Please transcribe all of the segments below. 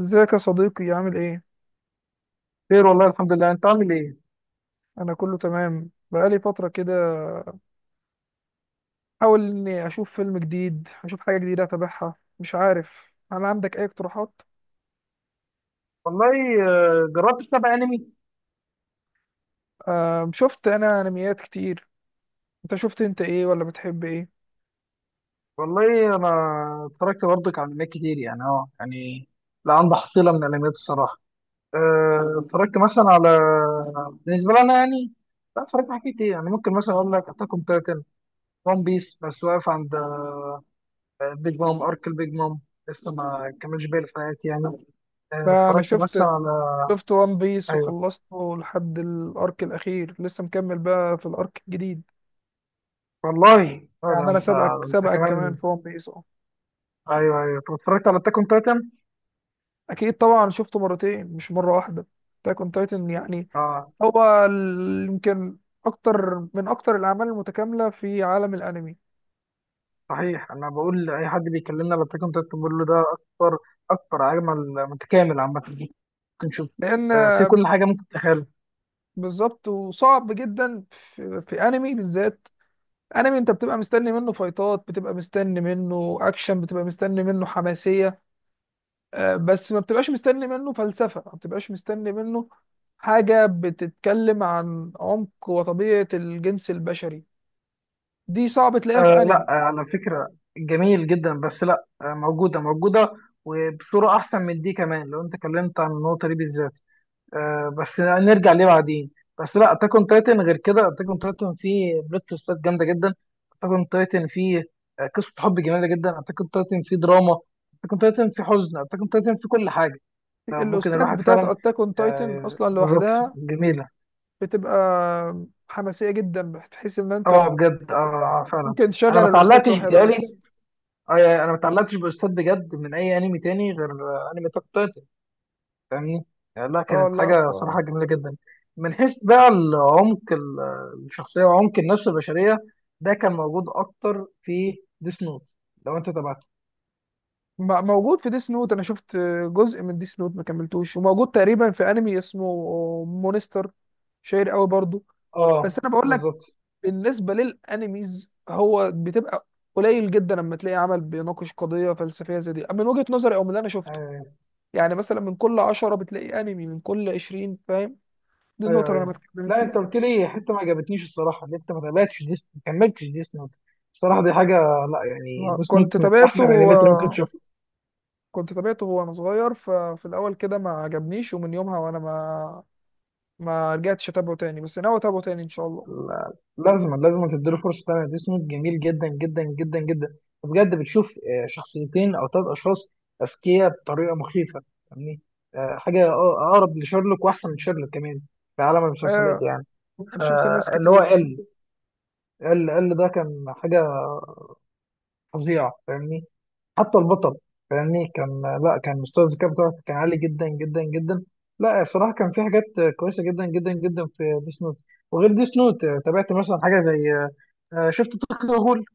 ازيك يا صديقي؟ عامل ايه؟ خير والله الحمد لله. انت عامل ايه؟ انا كله تمام. بقالي فتره كده حاول اني اشوف فيلم جديد، اشوف حاجه جديده اتابعها. مش عارف، هل عندك اي اقتراحات؟ والله. جربت تتابع انمي؟ آه شفت انا انميات كتير. انت شفت انت ايه، ولا بتحب ايه؟ والله انا اتفرجت برضك على انميات كتير يعني اه يعني لا، عندي حصيله من الانميات الصراحه. اتفرجت مثلا على، بالنسبه لي انا يعني لا، اتفرجت على حاجات كتير. يعني ممكن مثلا اقول لك اتاك اون تايتن وان بيس، بس واقف عند بيج مام ارك، البيج مام لسه ما كملش باقي الحلقات يعني. لا انا اتفرجت شفت، مثلا على، شفت وان بيس ايوه وخلصته لحد الارك الاخير، لسه مكمل بقى في الارك الجديد. والله اه ده يعني انا انت، سبقك انت كمان كمان. في وان بيس. اه ايوه ايوه، طب اتفرجت على اتاك اون تايتن؟ اكيد طبعا، شفته مرتين مش مره واحده. تاكون تايتن يعني، يمكن اكتر من اكتر الاعمال المتكامله في عالم الانمي. صحيح، انا بقول لاي حد بيكلمنا على التكن تك بقول له ده اكتر، اكتر، اجمل، متكامل عامه. ممكن تشوف لان في كل حاجه ممكن تتخيلها. بالظبط، وصعب جدا في انمي بالذات، انمي انت بتبقى مستني منه فايتات، بتبقى مستني منه اكشن، بتبقى مستني منه حماسيه، بس ما بتبقاش مستني منه فلسفه، ما بتبقاش مستني منه حاجه بتتكلم عن عمق وطبيعه الجنس البشري. دي صعب تلاقيها في آه لا، انمي. على فكره، جميل جدا بس لا، آه موجوده موجوده، وبصوره احسن من دي كمان لو انت اتكلمت عن النقطه دي بالذات. آه بس نرجع ليه بعدين. بس لا، اتاك اون تايتن غير كده، اتاك اون تايتن فيه بلوت تويستات جامده جدا، اتاك اون تايتن فيه قصه حب جميله جدا، اتاك اون تايتن فيه دراما، اتاك اون تايتن فيه حزن، اتاك اون تايتن فيه كل حاجه. ممكن الاستاذ الواحد بتاعت فعلا، اتاك اون تايتن اصلا بالظبط لوحدها جميله. بتبقى حماسية جدا، بتحس ان انت اه بجد اه، فعلا. ممكن تشغل انا ما الاوستات اتعلقتش، لوحدها بس. بتهيألي يعني انا ما اتعلقتش باستاذ بجد من اي انمي تاني غير انمي تاك تايتن، فاهمني؟ يعني لا، اه كانت لا حاجه صراحه جميله جدا. من حيث بقى العمق الشخصيه وعمق النفس البشريه، ده كان موجود اكتر في ديس نوت، لو انت تابعته. موجود في ديس نوت. انا شفت جزء من ديس نوت، ما كملتوش. وموجود تقريبا في انمي اسمه مونستر، شهير قوي برضو. بس اه انا بقول لك، بالظبط. بالنسبة للانميز هو بتبقى قليل جدا لما تلاقي عمل بيناقش قضية فلسفية زي دي، من وجهة نظري او من اللي انا شفته. يعني مثلا من كل عشرة بتلاقي انمي، من كل عشرين فاهم. دي النقطة ايوه اللي انا ايوه، بتكلم لا انت فيها. قلت لي حته ما عجبتنيش الصراحه، اللي انت ما تابعتش ديس، ما كملتش ديس نوت الصراحه، دي حاجه لا يعني، آه، ديس كنت نوت من احسن لا تابعته الانميات اللي ممكن آه، تشوفها. كنت تابعته وانا صغير، ففي الاول كده ما عجبنيش، ومن يومها وانا ما رجعتش اتابعه تاني. بس ناوي اتابعه تاني ان شاء الله. لازم تديله فرصه تانيه، ديس نوت جميل جدا جدا جدا جدا بجد. بتشوف شخصيتين او ثلاث اشخاص اذكياء بطريقه مخيفه، يعني حاجه اقرب لشيرلوك، واحسن من شيرلوك كمان في عالم المسلسلات آه يعني. انا شفت ناس فاللي هو كتير. ال، ده كان حاجه فظيعه، فاهمني؟ حتى البطل، فاهمني، كان لا، كان مستوى الذكاء بتاعه كان عالي جدا جدا جدا. لا الصراحه كان في حاجات كويسه جدا جدا جدا في ديس نوت. وغير ديس نوت تابعت مثلا حاجه زي شفت توكيو غول؟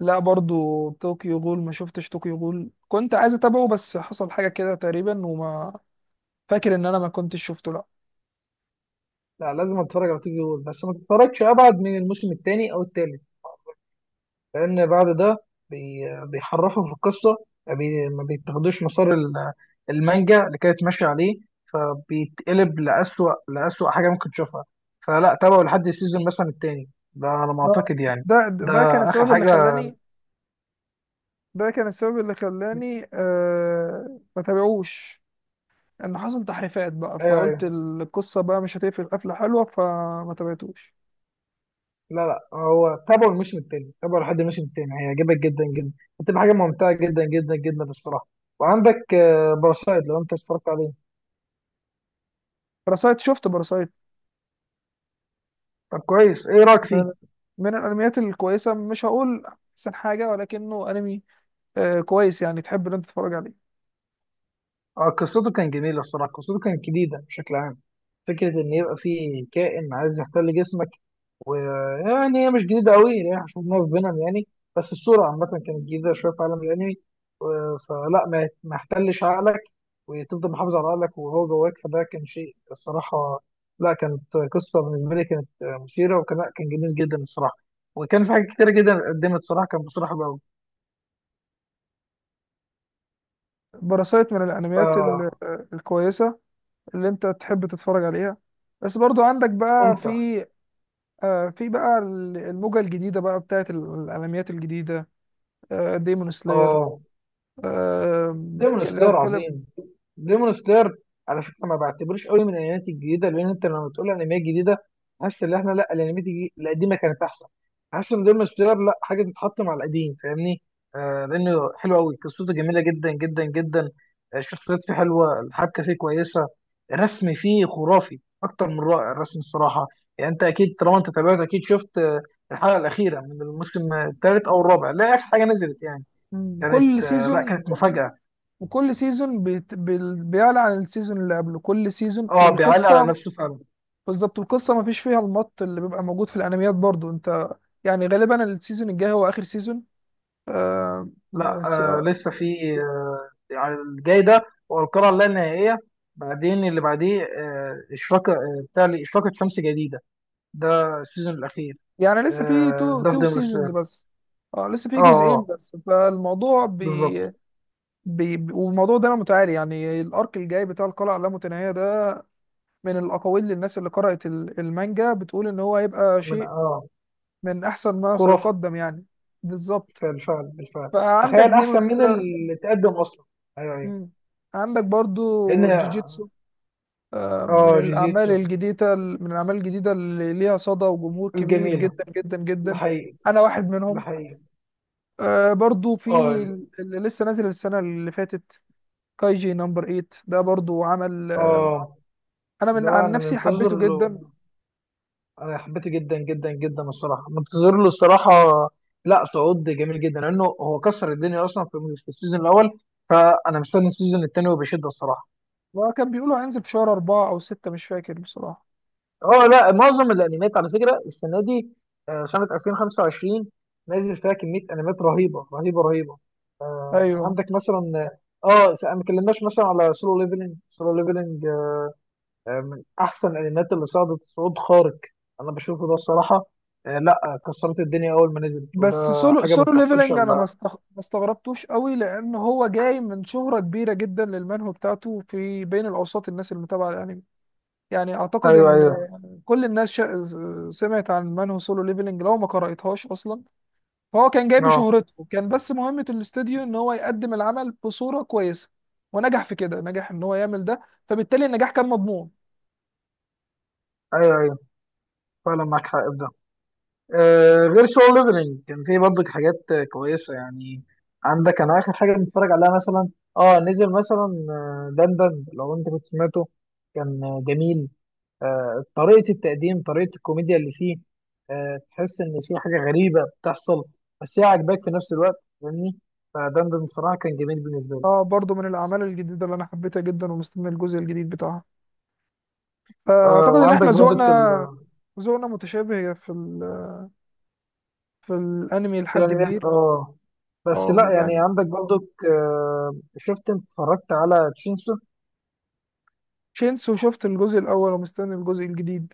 لا برضو طوكيو غول ما شفتش، طوكيو غول كنت عايز اتابعه بس حصل حاجة كده تقريبا، وما فاكر ان انا ما كنتش شفته، لا. لا لازم اتفرج على توكيو غول، بس ما تتفرجش ابعد من الموسم الثاني او الثالث، لأن بعد ده بيحرفوا في القصة، ما بيتاخدوش مسار المانجا اللي كانت ماشية عليه، فبيتقلب لأسوأ، لأسوأ حاجة ممكن تشوفها. فلا، تابعوا لحد السيزون مثلا التاني ده على ما ده أعتقد يعني. ده ده كان آخر السبب اللي حاجة. خلاني، كان السبب اللي خلاني آه ما تابعوش، ان حصل تحريفات بقى، أيوه فقلت أيوه، القصة بقى مش هتقفل قفلة حلوة، فما تابعتوش. لا لا، هو تابعوا الموسم التاني، تابعوا لحد الموسم التاني هيعجبك جدا جدا، هتبقى حاجة ممتعة جدا جدا جدا الصراحة. وعندك باراسايت، لو أنت اتفرجت عليه. باراسايت، شفت باراسايت. طب كويس، إيه رأيك فيه؟ من, من الانميات الكويسه، مش هقول احسن حاجه، ولكنه انمي آه كويس، يعني تحب ان انت تتفرج عليه. قصته كان جميلة الصراحة، قصته كانت جديدة بشكل عام، فكرة إن يبقى في كائن عايز يحتل جسمك. ويعني هي مش جديدة قوي، يعني احنا شفناها في فينوم يعني، بس الصورة عامة كانت جديدة شوية في عالم الأنمي. فلا، ما يحتلش عقلك، وتفضل محافظ على عقلك وهو جواك، فده كان شيء الصراحة لا، كانت قصة بالنسبة لي كانت مثيرة، وكان لا، كان جميل جدا الصراحة، وكان في حاجات كتيرة جدا قدمت الصراحة، كان بصراحة بقى باراسايت من الانميات فممتع. الكويسه اللي انت تحب تتفرج عليها. بس برضو عندك بقى في، آه في بقى الموجه الجديده بقى بتاعت الانميات الجديده. آه ديمون سلاير. اه ديمون لو سلاير اتكلم، عظيم. ديمون سلاير، على فكره ما بعتبرش قوي من الانميات الجديده، لان انت لما تقول انميات جديده حاسس ان احنا لا، الانميات القديمه كانت احسن. حاسس ان ديمون سلاير لا، حاجه تتحط مع القديم فاهمني؟ آه لانه حلو قوي، قصته جميله جدا جدا جدا، الشخصيات فيه حلوه، الحبكه فيه كويسه، الرسم فيه خرافي، اكتر من رائع الرسم الصراحه. يعني انت اكيد طالما انت تابعت اكيد شفت الحلقه الاخيره من الموسم الثالث او الرابع، لا اخر حاجه نزلت يعني، مم، كل كانت لا سيزون كانت مفاجاه. وكل سيزون بيعلى عن السيزون اللي قبله، كل سيزون اه بيعلي على والقصه نفسه فعلا. بالظبط. القصه ما فيش فيها المط اللي بيبقى موجود في الانميات. برضو انت، يعني غالبا السيزون الجاي هو اخر سيزون. لا بس- آه، لسه في يعني الجاي ده هو القرعه اللا نهائيه، بعدين اللي بعديه آه اشراقه، آه بتاع اشراقه شمس جديده، ده السيزون الاخير. يعني لسه في آه ده في تو ديمون سلاير. سيزونز بس، اه لسه اه في اه، جزئين بس. فالموضوع بي, بالظبط. بي بي- والموضوع ده متعالي، يعني الارك الجاي بتاع القلعه اللامتناهيه ده، من الاقاويل للناس اللي قرأت المانجا، بتقول ان هو هيبقى من شيء اه، من احسن ما خرافه. سيقدم يعني. بالظبط. بالفعل بالفعل. فعندك تخيل ديمون احسن من سلاير، اللي تقدم اصلا. ايوه ايوه، عندك برضو لان جوجيتسو، من اه الأعمال جوجيتسو الجديدة اللي ليها صدى وجمهور كبير الجميله، جدا جدا جدا. الحقيقي، أنا واحد منهم. الحقيقي. آه برضو في اه اللي لسه نازل السنة اللي فاتت، كايجي نمبر 8، ده برضو عمل اه، أنا من ده عن انا نفسي منتظر حبيته له، جدا. انا حبيته جدا جدا جدا الصراحه، منتظر له الصراحه. لا صعود جميل جدا، لانه هو كسر الدنيا اصلا في السيزون الاول، فانا مستني السيزون الثاني وبشده الصراحه. وكان بيقولوا هينزل في شهر أربعة أو ستة، مش فاكر بصراحة. اه لا، معظم الانميات على فكره السنه دي، سنه 2025 نازل فيها كميه انميات رهيبه رهيبه رهيبه. أيوه، عندك مثلا اه، ما اتكلمناش مثلا على سولو ليفلنج. سولو ليفلنج من احسن الانميات اللي صعدت صعود خارق، انا بشوفه ده الصراحه، لا كسرت الدنيا اول ما نزلت، وده بس حاجه ما سولو بتحصلش ليفلنج أنا الا. ما استغربتوش قوي، لأن هو جاي من شهرة كبيرة جدا للمانهو بتاعته في بين الأوساط، الناس اللي متابعة الأنمي. يعني أعتقد ايوه إن ايوه، كل الناس شا... سمعت عن مان هو سولو ليفلنج، لو ما قرأتهاش اصلا. فهو كان جاي اه بشهرته، كان بس مهمة الاستوديو ان هو يقدم العمل بصورة كويسة، ونجح في كده، نجح ان هو يعمل ده، فبالتالي النجاح كان مضمون. ايوه ايوه، فعلا معاك حق في ده. غير سول ليفلنج كان في برضه حاجات كويسه يعني. عندك انا اخر حاجه بنتفرج عليها مثلا، اه نزل مثلا دندن، لو انت كنت سمعته، كان جميل، طريقة التقديم، طريقة الكوميديا اللي فيه، تحس إن في حاجة غريبة بتحصل بس هي عاجباك في نفس الوقت فاهمني؟ ده بصراحة كان جميل بالنسبة لي. اه برضو من الاعمال الجديدة اللي انا حبيتها جدا ومستني الجزء الجديد بتاعها. فاعتقد ان احنا وعندك برضك ذوقنا متشابه في الانمي لحد الأنميات كبير. اه، بس اه لا يعني يعني، عندك برضك شفت انت اتفرجت على تشينسو؟ شينسو شفت الجزء الاول ومستني الجزء الجديد.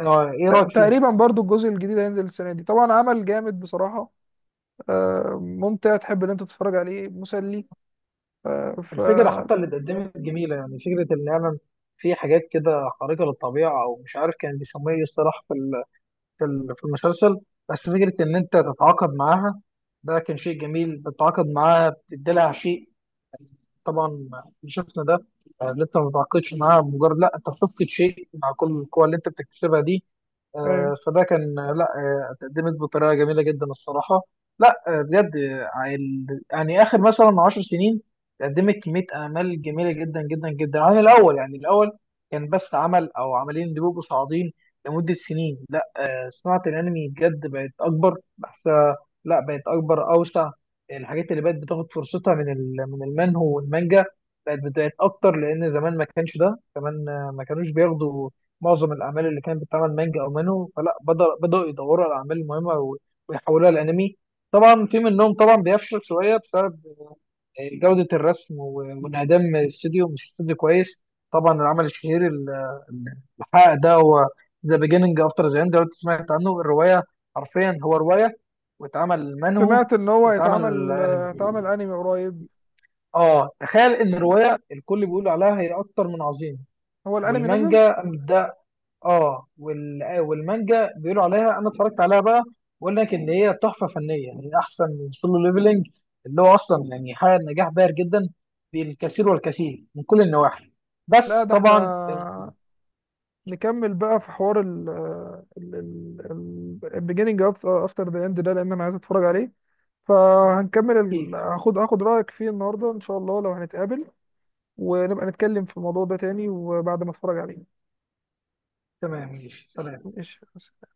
اه، ايه آه، رأيك فيه؟ تقريبا برضو الجزء الجديد هينزل السنة دي. طبعا عمل جامد بصراحة، آه، ممتع، تحب ان انت تتفرج عليه، مسلي. آه، ف، الفكرة حتى اللي اتقدمت جميلة، يعني فكرة إن فعلا في حاجات كده خارقة للطبيعة أو مش عارف كان بيسموها ايه الصراحة، في في المسلسل. بس فكرة إن أنت تتعاقد معاها، ده كان شيء جميل، بتتعاقد معاها بتدي لها شيء، طبعا اللي شفنا ده اللي أنت ما بتتعاقدش معاها مجرد لا، أنت بتفقد شيء مع كل القوة اللي أنت بتكتسبها دي. ايوه. فده كان لا، اتقدمت بطريقه جميله جدا الصراحه. لا بجد يعني اخر مثلا 10 سنين قدمت كميه اعمال جميله جدا جدا جدا، عن الاول يعني، الاول كان بس عمل او عملين بيبقوا صاعدين لمده سنين، لا صناعه الانمي بجد بقت اكبر بحسها، لا بقت اكبر اوسع. الحاجات اللي بقت بتاخد فرصتها من من المنهو والمانجا بقت اكتر، لان زمان ما كانش ده كمان، ما كانوش بياخدوا معظم الاعمال اللي كانت بتتعمل مانجا او مانو، فلا بدأوا يدوروا على الاعمال المهمه ويحولوها لانمي. طبعا في منهم طبعا بيفشل شويه بسبب جوده الرسم وانعدام الاستوديو، مش استوديو كويس. طبعا العمل الشهير الحق ده، هو ذا بيجيننج افتر ذا اند، لو أنت سمعت عنه. الروايه حرفيا هو روايه، واتعمل منهو، سمعت ان هو واتعمل انمي. هيتعمل انمي قريب. اه تخيل ان الروايه الكل بيقول عليها هي اكتر من عظيمه، هو الانمي نزل؟ والمانجا اه وال... والمانجا بيقولوا عليها، انا اتفرجت عليها بقى، بقول لك ان هي تحفه فنيه يعني، احسن من سولو ليفلنج، اللي هو اصلا يعني حقق نجاح باهر جدا، بالكثير والكثير من كل النواحي. لا بس ده احنا طبعا نكمل بقى في حوار ال ال ال beginning of after the end ده، لان انا عايز اتفرج عليه. فهنكمل كيف. هاخد رايك فيه النهارده ان شاء الله لو هنتقابل، ونبقى نتكلم في الموضوع ده تاني وبعد ما اتفرج عليه. تمام ماشي سلام. ماشي.